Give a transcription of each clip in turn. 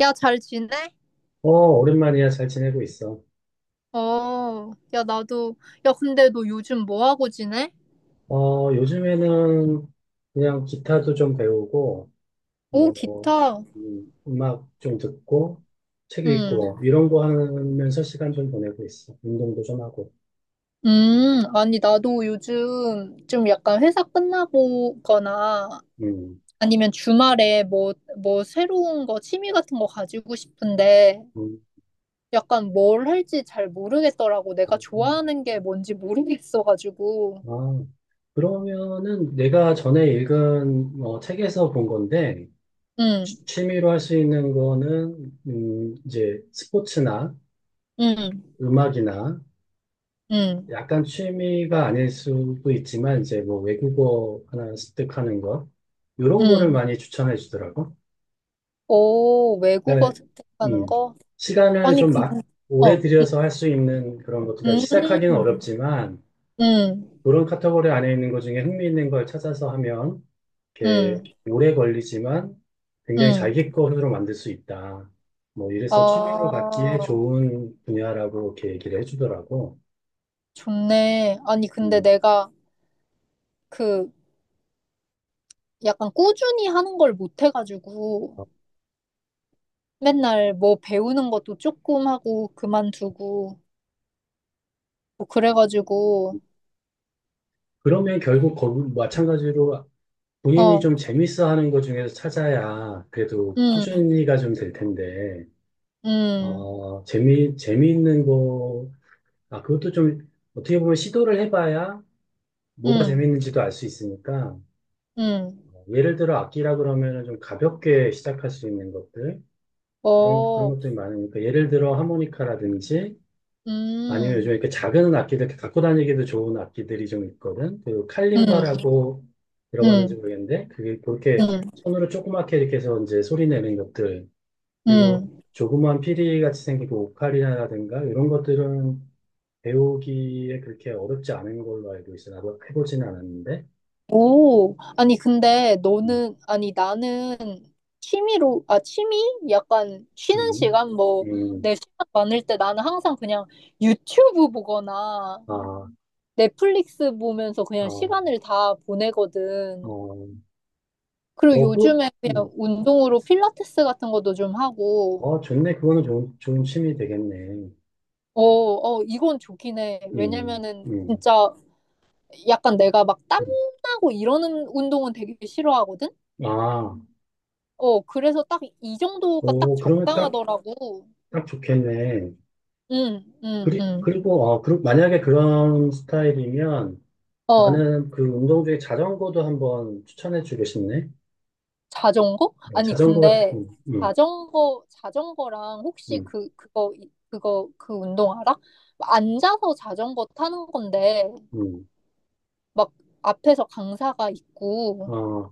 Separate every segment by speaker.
Speaker 1: 야, 잘 지내?
Speaker 2: 어, 오랜만이야. 잘 지내고 있어.
Speaker 1: 어, 야, 나도. 야, 근데 너 요즘 뭐 하고 지내?
Speaker 2: 어, 요즘에는 그냥 기타도 좀 배우고,
Speaker 1: 오,
Speaker 2: 뭐,
Speaker 1: 기타.
Speaker 2: 음악 좀 듣고, 책
Speaker 1: 응.
Speaker 2: 읽고, 이런 거 하면서 시간 좀 보내고 있어. 운동도 좀 하고.
Speaker 1: 아니, 나도 요즘 좀 약간 회사 끝나보거나
Speaker 2: 음,
Speaker 1: 아니면 주말에 뭐 새로운 거, 취미 같은 거 가지고 싶은데
Speaker 2: 음.
Speaker 1: 약간 뭘 할지 잘 모르겠더라고. 내가 좋아하는 게 뭔지 모르겠어가지고.
Speaker 2: 아, 그러면은 내가 전에 읽은 책에서 본 건데,
Speaker 1: 응,
Speaker 2: 취미로 할 수 있는 거는, 이제 스포츠나
Speaker 1: 응,
Speaker 2: 음악이나
Speaker 1: 응,
Speaker 2: 약간 취미가 아닐 수도 있지만 이제 뭐 외국어 하나 습득하는 거 이런 거를
Speaker 1: 응.
Speaker 2: 많이 추천해 주더라고.
Speaker 1: 오, 외국어
Speaker 2: 그러니까
Speaker 1: 습득하는
Speaker 2: 음,
Speaker 1: 거?
Speaker 2: 시간을
Speaker 1: 아니,
Speaker 2: 좀
Speaker 1: 그,
Speaker 2: 막 오래
Speaker 1: 어.
Speaker 2: 들여서 할 수 있는 그런 것들, 그러니까 시작하기는
Speaker 1: 음,
Speaker 2: 어렵지만
Speaker 1: 음,
Speaker 2: 그런 카테고리 안에 있는 것 중에 흥미 있는 걸 찾아서 하면 이렇게
Speaker 1: 음,
Speaker 2: 오래 걸리지만 굉장히
Speaker 1: 음.
Speaker 2: 자기 거로 만들 수 있다. 뭐 이래서 취미로 갖기에
Speaker 1: 아,
Speaker 2: 좋은 분야라고 이렇게 얘기를 해주더라고.
Speaker 1: 좋네. 아니, 근데
Speaker 2: 음.
Speaker 1: 내가 그 약간 꾸준히 하는 걸 못 해가지고 맨날 뭐 배우는 것도 조금 하고 그만두고 뭐 그래가지고,
Speaker 2: 그러면 결국 거기 마찬가지로 본인이
Speaker 1: 어,
Speaker 2: 좀 재밌어 하는 것 중에서 찾아야 그래도
Speaker 1: 음,
Speaker 2: 꾸준히가 좀 될 텐데,
Speaker 1: 음,
Speaker 2: 어, 재미있는 거, 아, 그것도 좀 어떻게 보면 시도를 해봐야 뭐가
Speaker 1: 음,
Speaker 2: 재밌는지도 알 수 있으니까,
Speaker 1: 음,
Speaker 2: 어, 예를 들어 악기라 그러면은 좀 가볍게 시작할 수 있는 것들, 그런
Speaker 1: 어,
Speaker 2: 것들이 많으니까, 예를 들어 하모니카라든지, 아니면 요즘
Speaker 1: 음,
Speaker 2: 이렇게 작은 악기들 이렇게 갖고 다니기도 좋은 악기들이 좀 있거든. 그
Speaker 1: 음,
Speaker 2: 칼림바라고 들어봤는지
Speaker 1: 음,
Speaker 2: 모르겠는데 그게 그렇게
Speaker 1: 음,
Speaker 2: 손으로 조그맣게 이렇게 해서 이제 소리 내는 것들 그리고
Speaker 1: 음.
Speaker 2: 조그만 피리 같이 생긴 그 오카리나라든가 이런 것들은 배우기에 그렇게 어렵지 않은 걸로 알고 있어. 나도 해보지는 않았는데.
Speaker 1: 오, 아니, 근데
Speaker 2: 음,
Speaker 1: 너는, 아니, 나는 취미로, 아, 취미? 약간 쉬는
Speaker 2: 음,
Speaker 1: 시간, 뭐, 내
Speaker 2: 음,
Speaker 1: 시간 많을 때 나는 항상 그냥 유튜브 보거나
Speaker 2: 아,
Speaker 1: 넷플릭스 보면서
Speaker 2: 아,
Speaker 1: 그냥
Speaker 2: 어,
Speaker 1: 시간을 다 보내거든. 그리고
Speaker 2: 어, 그,
Speaker 1: 요즘에 그냥
Speaker 2: 음,
Speaker 1: 운동으로 필라테스 같은 것도 좀 하고,
Speaker 2: 어, 좋네. 그거는 좋은 취미 되겠네.
Speaker 1: 어, 어, 이건 좋긴 해.
Speaker 2: 음,
Speaker 1: 왜냐면은
Speaker 2: 음,
Speaker 1: 진짜 약간 내가 막
Speaker 2: 음.
Speaker 1: 땀나고 이러는 운동은 되게 싫어하거든?
Speaker 2: 아.
Speaker 1: 어, 그래서 딱 이 정도가 딱
Speaker 2: 오, 그러면 딱,
Speaker 1: 적당하더라고.
Speaker 2: 딱 좋겠네.
Speaker 1: 응, 응,
Speaker 2: 그리,
Speaker 1: 응.
Speaker 2: 그리고, 아, 그, 만약에 그런 스타일이면
Speaker 1: 어,
Speaker 2: 나는 그 운동 중에 자전거도 한번 추천해 주고 싶네.
Speaker 1: 자전거?
Speaker 2: 어,
Speaker 1: 아니,
Speaker 2: 자전거 같은,
Speaker 1: 근데
Speaker 2: 음,
Speaker 1: 자전거랑 혹시
Speaker 2: 음,
Speaker 1: 그거, 그 운동 알아? 앉아서 자전거 타는 건데,
Speaker 2: 음,
Speaker 1: 막 앞에서 강사가
Speaker 2: 음.
Speaker 1: 있고,
Speaker 2: 아,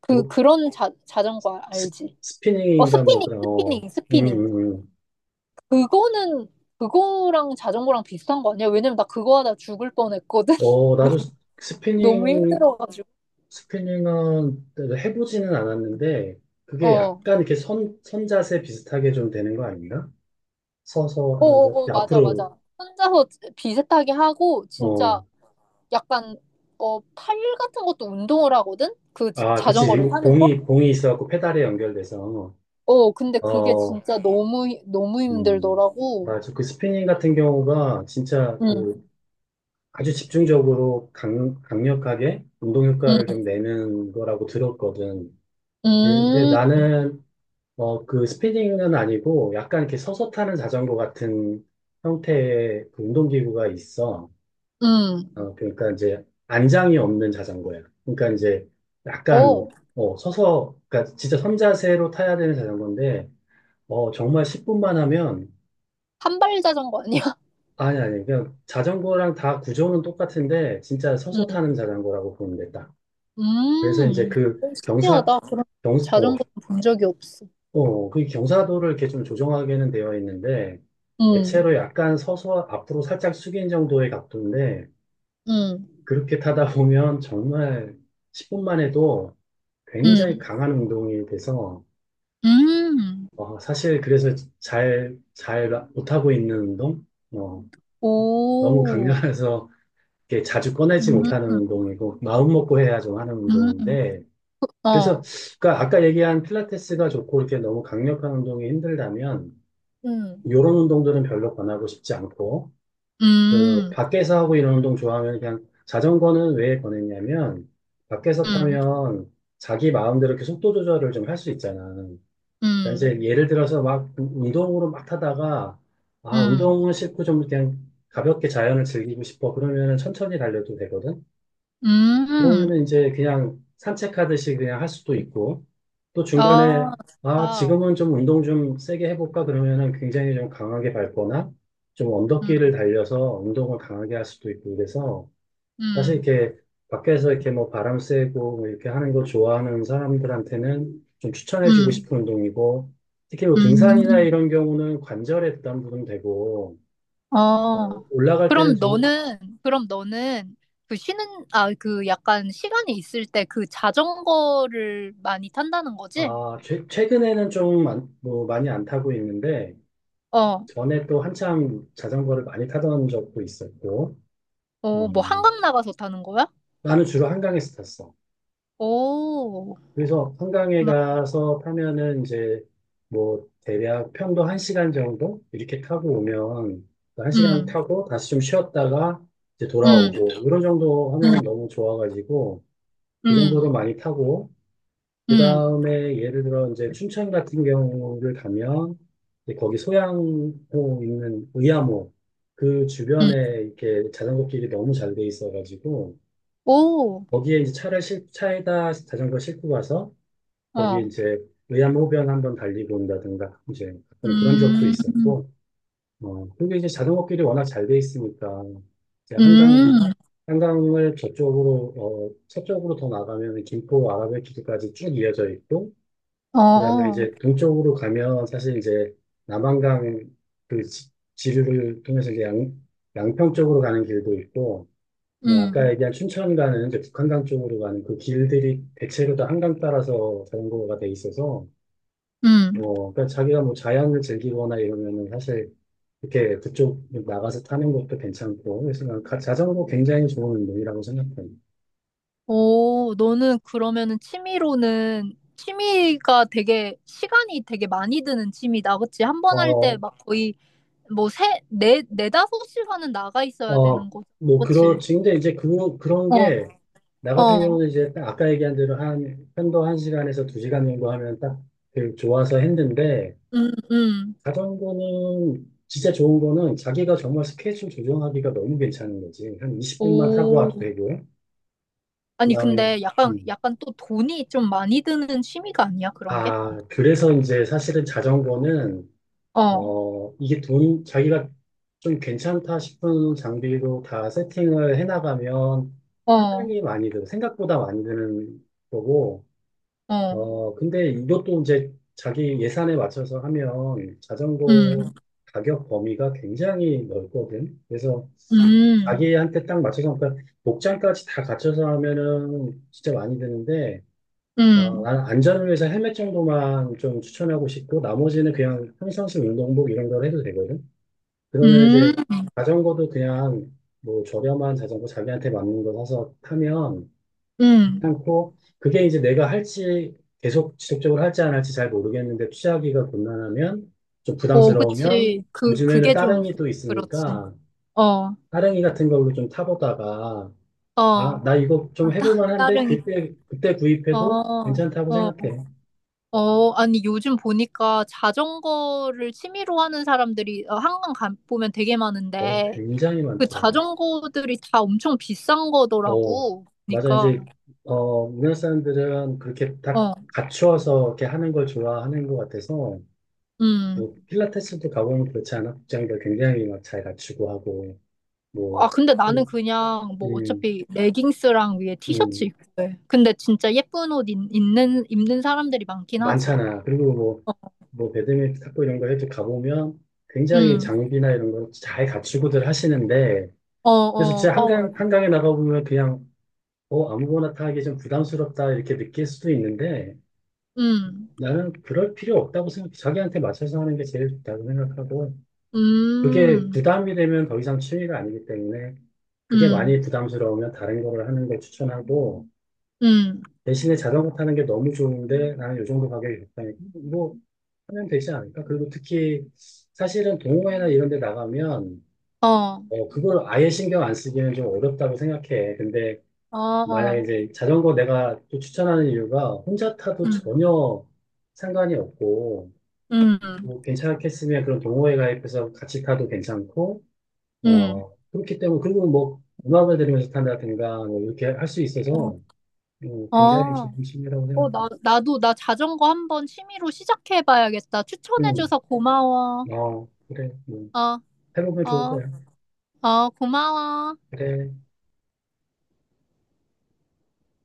Speaker 1: 그,
Speaker 2: 뭐,
Speaker 1: 그런 자전거 알-
Speaker 2: 스,
Speaker 1: 알지? 어,
Speaker 2: 스피닝인가 뭐
Speaker 1: 스피닝,
Speaker 2: 그런, 어,
Speaker 1: 스피닝,
Speaker 2: 음,
Speaker 1: 스피닝.
Speaker 2: 음, 음.
Speaker 1: 그거는, 그거랑 자전거랑 비슷한 거 아니야? 왜냐면 나 그거 하다 죽을 뻔했거든.
Speaker 2: 어,
Speaker 1: 너무,
Speaker 2: 나도
Speaker 1: 너무 힘들어가지고.
Speaker 2: 스피닝은 해보지는 않았는데 그게
Speaker 1: 어.
Speaker 2: 약간 이렇게 선자세 비슷하게 좀 되는 거 아닌가? 서서 하는,
Speaker 1: 어어어, 맞아,
Speaker 2: 앞으로,
Speaker 1: 맞아. 혼자서 비슷하게 하고, 진짜
Speaker 2: 어,
Speaker 1: 약간, 팔 같은 것도 운동을 하거든? 그
Speaker 2: 아, 그치.
Speaker 1: 자전거를 타면서?
Speaker 2: 봉이 있어갖고 페달에 연결돼서,
Speaker 1: 어, 근데 그게
Speaker 2: 어,
Speaker 1: 진짜 너무, 너무
Speaker 2: 음,
Speaker 1: 힘들더라고.
Speaker 2: 맞아. 그 스피닝 같은 경우가 진짜
Speaker 1: 응,
Speaker 2: 그 아주 집중적으로 강력하게 운동 효과를
Speaker 1: 응,
Speaker 2: 좀 내는 거라고 들었거든. 근데
Speaker 1: 음,
Speaker 2: 나는, 어, 그 스피닝은 아니고 약간 이렇게 서서 타는 자전거 같은 형태의 그 운동기구가 있어.
Speaker 1: 음.
Speaker 2: 어, 그러니까 이제 안장이 없는 자전거야. 그러니까 이제 약간
Speaker 1: 오,
Speaker 2: 뭐, 어, 서서 그러니까 진짜 선자세로 타야 되는 자전거인데 어, 정말 10분만 하면
Speaker 1: 한발 자전거 아니야?
Speaker 2: 아니 아니 그냥 자전거랑 다 구조는 똑같은데 진짜 서서
Speaker 1: 응,
Speaker 2: 타는 자전거라고 보면 됐다. 그래서
Speaker 1: 음.
Speaker 2: 이제 그
Speaker 1: 오,
Speaker 2: 경사
Speaker 1: 신기하다. 그런
Speaker 2: 경 어,
Speaker 1: 자전거 본 적이 없어.
Speaker 2: 어, 그 경사도를 이렇게 좀 조정하게는 되어 있는데
Speaker 1: 응,
Speaker 2: 대체로 약간 서서 앞으로 살짝 숙인 정도의 각도인데
Speaker 1: 응,
Speaker 2: 그렇게 타다 보면 정말 10분만 해도 굉장히
Speaker 1: 응,
Speaker 2: 강한 운동이 돼서,
Speaker 1: 음.
Speaker 2: 어, 사실 그래서 잘 못하고 있는 운동? 어, 너무
Speaker 1: 오,
Speaker 2: 강렬해서 이렇게 자주 꺼내지
Speaker 1: 음,
Speaker 2: 못하는
Speaker 1: 음.
Speaker 2: 운동이고, 마음먹고 해야 좀 하는 운동인데,
Speaker 1: 어,
Speaker 2: 그래서, 그러니까 아까 얘기한 필라테스가 좋고, 이렇게 너무 강력한 운동이 힘들다면,
Speaker 1: 응.
Speaker 2: 요런 운동들은 별로 권하고 싶지 않고, 그,
Speaker 1: 음,
Speaker 2: 밖에서 하고 이런 운동 좋아하면 그냥 자전거는 왜 권했냐면, 밖에서
Speaker 1: 음,
Speaker 2: 타면 자기 마음대로 이렇게 속도 조절을 좀 할 수 있잖아. 그러니까 이제
Speaker 1: 음,
Speaker 2: 예를 들어서 막 운동으로 막 타다가 아
Speaker 1: 음,
Speaker 2: 운동은 싫고 좀 그냥 가볍게 자연을 즐기고 싶어 그러면은 천천히 달려도 되거든.
Speaker 1: 음.
Speaker 2: 그러면은 이제 그냥 산책하듯이 그냥 할 수도 있고 또 중간에
Speaker 1: 아,
Speaker 2: 아
Speaker 1: 좋다.
Speaker 2: 지금은 좀 운동 좀 세게 해볼까 그러면은 굉장히 좀 강하게 밟거나 좀
Speaker 1: 음,
Speaker 2: 언덕길을 달려서 운동을 강하게 할 수도 있고 그래서 사실
Speaker 1: 음,
Speaker 2: 이렇게 밖에서 이렇게 뭐 바람 쐬고 뭐 이렇게 하는 거 좋아하는 사람들한테는 좀 추천해주고
Speaker 1: 음,
Speaker 2: 싶은 운동이고 특히 뭐 등산이나
Speaker 1: 음.
Speaker 2: 이런 경우는 관절에 부담도 되고
Speaker 1: 어.
Speaker 2: 올라갈 때는
Speaker 1: 그럼
Speaker 2: 좀,
Speaker 1: 너는, 그럼 너는 그 약간 시간이 있을 때 그 자전거를 많이 탄다는 거지?
Speaker 2: 아, 최, 최근에는 좀 안- 뭐 많이 안 타고 있는데
Speaker 1: 어,
Speaker 2: 전에 또 한참 자전거를 많이 타던 적도 있었고 어,
Speaker 1: 어, 뭐 한강 나가서 타는 거야?
Speaker 2: 나는 주로 한강에서 탔어.
Speaker 1: 오,
Speaker 2: 그래서 한강에
Speaker 1: 막,
Speaker 2: 가서 타면은 이제 뭐 대략 편도 한 시간 정도 이렇게 타고 오면 한 시간
Speaker 1: 음,
Speaker 2: 타고 다시 좀 쉬었다가 이제
Speaker 1: 음,
Speaker 2: 돌아오고 이런 정도
Speaker 1: 음,
Speaker 2: 하면 너무 좋아가지고 그 정도도
Speaker 1: 음,
Speaker 2: 많이 타고 그
Speaker 1: 음,
Speaker 2: 다음에 예를 들어 이제 춘천 같은 경우를 가면 이제 거기 소양호 있는 의암호 그 주변에
Speaker 1: 음.
Speaker 2: 이렇게 자전거 길이 너무 잘 돼 있어가지고
Speaker 1: 오,
Speaker 2: 거기에 이제 차에다 자전거 싣고 가서
Speaker 1: 어,
Speaker 2: 거기 이제 의암호변 한번 달리고 온다든가 이제 가끔 그런 적도
Speaker 1: 음,
Speaker 2: 있었고 어 그리고 이제 자전거길이 워낙 잘 돼 있으니까 이제 한강
Speaker 1: 음.
Speaker 2: 한강을 저쪽으로 어 서쪽으로 더 나가면 김포 아라뱃길까지 쭉 이어져 있고 그다음에
Speaker 1: 어,
Speaker 2: 이제 동쪽으로 가면 사실 이제 남한강 그 지류를 통해서 이제 양 양평 쪽으로 가는 길도 있고 어, 아까
Speaker 1: 음,
Speaker 2: 얘기한 춘천 가는 이제 북한강 쪽으로 가는 그 길들이 대체로 다 한강 따라서 자전거가 돼 있어서
Speaker 1: 음.
Speaker 2: 어, 그러니까 자기가 뭐 자연을 즐기거나 이러면은 사실 이렇게 그쪽 나가서 타는 것도 괜찮고, 그래서 난 자전거 굉장히 좋은 운동이라고 생각해요.
Speaker 1: 오, 너는 그러면은 취미로는, 취미가 되게, 시간이 되게 많이 드는 취미다. 그치? 한 번 할 때
Speaker 2: 어,
Speaker 1: 막 거의 뭐 세, 네, 네다섯 시간은 나가 있어야
Speaker 2: 어,
Speaker 1: 되는 거지.
Speaker 2: 뭐
Speaker 1: 그치?
Speaker 2: 그렇지. 근데 이제 그런
Speaker 1: 어,
Speaker 2: 게, 나 같은
Speaker 1: 어,
Speaker 2: 경우는 이제 딱 아까 얘기한 대로 한, 편도 한 시간에서 두 시간 정도 하면 딱 그 좋아서 했는데,
Speaker 1: 음, 음.
Speaker 2: 자전거는 진짜 좋은 거는 자기가 정말 스케줄 조정하기가 너무 괜찮은 거지. 한 20분만 타고
Speaker 1: 오.
Speaker 2: 와도 되고요.
Speaker 1: 아니,
Speaker 2: 그다음에
Speaker 1: 근데 약간,
Speaker 2: 음,
Speaker 1: 약간 또 돈이 좀 많이 드는 취미가 아니야? 그런 게?
Speaker 2: 아, 그래서 이제 사실은 자전거는,
Speaker 1: 어,
Speaker 2: 어, 이게 돈, 자기가 좀 괜찮다 싶은 장비로 다 세팅을 해나가면
Speaker 1: 어,
Speaker 2: 상당히 많이 들, 생각보다 많이 드는 거고,
Speaker 1: 어,
Speaker 2: 어, 근데 이것도 이제 자기 예산에 맞춰서 하면 자전거
Speaker 1: 음,
Speaker 2: 가격 범위가 굉장히 넓거든. 그래서
Speaker 1: 음,
Speaker 2: 자기한테 딱 맞춰서, 그러니까 목장까지 다 갖춰서 하면은 진짜 많이 드는데, 어,
Speaker 1: 음,
Speaker 2: 나는 안전을 위해서 헬멧 정도만 좀 추천하고 싶고, 나머지는 그냥 평상시 운동복 이런 걸 해도 되거든. 그러면
Speaker 1: 음,
Speaker 2: 이제 자전거도 그냥 뭐 저렴한 자전거 자기한테 맞는 거 사서 타면
Speaker 1: 음.
Speaker 2: 괜찮고, 그게 이제 내가 할지 계속 지속적으로 할지 안 할지 잘 모르겠는데 취하기가 곤란하면 좀
Speaker 1: 어,
Speaker 2: 부담스러우면
Speaker 1: 그치. 그,
Speaker 2: 요즘에는
Speaker 1: 그게 좀
Speaker 2: 따릉이 또
Speaker 1: 그렇지.
Speaker 2: 있으니까
Speaker 1: 어,
Speaker 2: 따릉이 같은 걸로 좀 타보다가 아,
Speaker 1: 어.
Speaker 2: 나 이거
Speaker 1: 아,
Speaker 2: 좀
Speaker 1: 따,
Speaker 2: 해볼 만한데
Speaker 1: 따릉이.
Speaker 2: 그때, 그때 구입해도
Speaker 1: 어,
Speaker 2: 괜찮다고
Speaker 1: 어,
Speaker 2: 생각해.
Speaker 1: 어. 아니, 요즘 보니까 자전거를 취미로 하는 사람들이 한강 가, 보면 되게
Speaker 2: 어,
Speaker 1: 많은데,
Speaker 2: 굉장히
Speaker 1: 그
Speaker 2: 많더라고요.
Speaker 1: 자전거들이 다 엄청 비싼
Speaker 2: 어,
Speaker 1: 거더라고.
Speaker 2: 맞아.
Speaker 1: 그러니까,
Speaker 2: 어, 우리나라 사람들은 그렇게 딱
Speaker 1: 어,
Speaker 2: 갖추어서 이렇게 하는 걸 좋아하는 것 같아서,
Speaker 1: 음.
Speaker 2: 뭐, 필라테스도 가보면 그렇지 않아? 복장도 굉장히 막 잘 갖추고 하고, 뭐,
Speaker 1: 아, 근데 나는 그냥 뭐
Speaker 2: 음,
Speaker 1: 어차피 레깅스랑 위에
Speaker 2: 음,
Speaker 1: 티셔츠 입고 해. 근데 진짜 예쁜 옷 입, 는 입는 입는 사람들이 많긴 하지.
Speaker 2: 많잖아. 그리고 뭐, 배드민턴, 탁구 이런 거 해도 가보면 굉장히
Speaker 1: 음.
Speaker 2: 장비나 이런 걸 잘 갖추고들 하시는데,
Speaker 1: 어,
Speaker 2: 그래서
Speaker 1: 어,
Speaker 2: 진짜
Speaker 1: 어,
Speaker 2: 한강, 한강에 나가보면 그냥, 어, 아무거나 타기 좀 부담스럽다 이렇게 느낄 수도 있는데,
Speaker 1: 음,
Speaker 2: 나는 그럴 필요 없다고 생각해. 자기한테 맞춰서 하는 게 제일 좋다고 생각하고, 그게
Speaker 1: 음,
Speaker 2: 부담이 되면 더 이상 취미가 아니기 때문에, 그게 많이
Speaker 1: 음,
Speaker 2: 부담스러우면 다른 거를 하는 걸 추천하고,
Speaker 1: 음,
Speaker 2: 대신에 자전거 타는 게 너무 좋은데, 나는 요 정도 가격이 좋다니까, 뭐, 하면 되지 않을까? 그리고 특히, 사실은 동호회나 이런 데 나가면,
Speaker 1: 어,
Speaker 2: 어, 그걸 아예 신경 안 쓰기는 좀 어렵다고 생각해. 근데,
Speaker 1: 어,
Speaker 2: 만약에
Speaker 1: 어,
Speaker 2: 이제 자전거 내가 또 추천하는 이유가, 혼자 타도
Speaker 1: 음,
Speaker 2: 전혀 상관이 없고,
Speaker 1: 음,
Speaker 2: 뭐 괜찮겠으면 그런 동호회 가입해서 같이 타도 괜찮고,
Speaker 1: 음,
Speaker 2: 어, 그렇기 때문에, 그리고 뭐, 음악을 들으면서 탄다든가, 뭐, 이렇게 할 수
Speaker 1: 어,
Speaker 2: 있어서,
Speaker 1: 어,
Speaker 2: 굉장히 좋은 취미라고
Speaker 1: 어, 나,
Speaker 2: 생각해요.
Speaker 1: 나도, 나 자전거 한번 취미로 시작해봐야겠다.
Speaker 2: 음,
Speaker 1: 추천해줘서 고마워.
Speaker 2: 어, 그래, 뭐,
Speaker 1: 어,
Speaker 2: 해보면 좋을
Speaker 1: 어,
Speaker 2: 거야.
Speaker 1: 어, 고마워.
Speaker 2: 그래.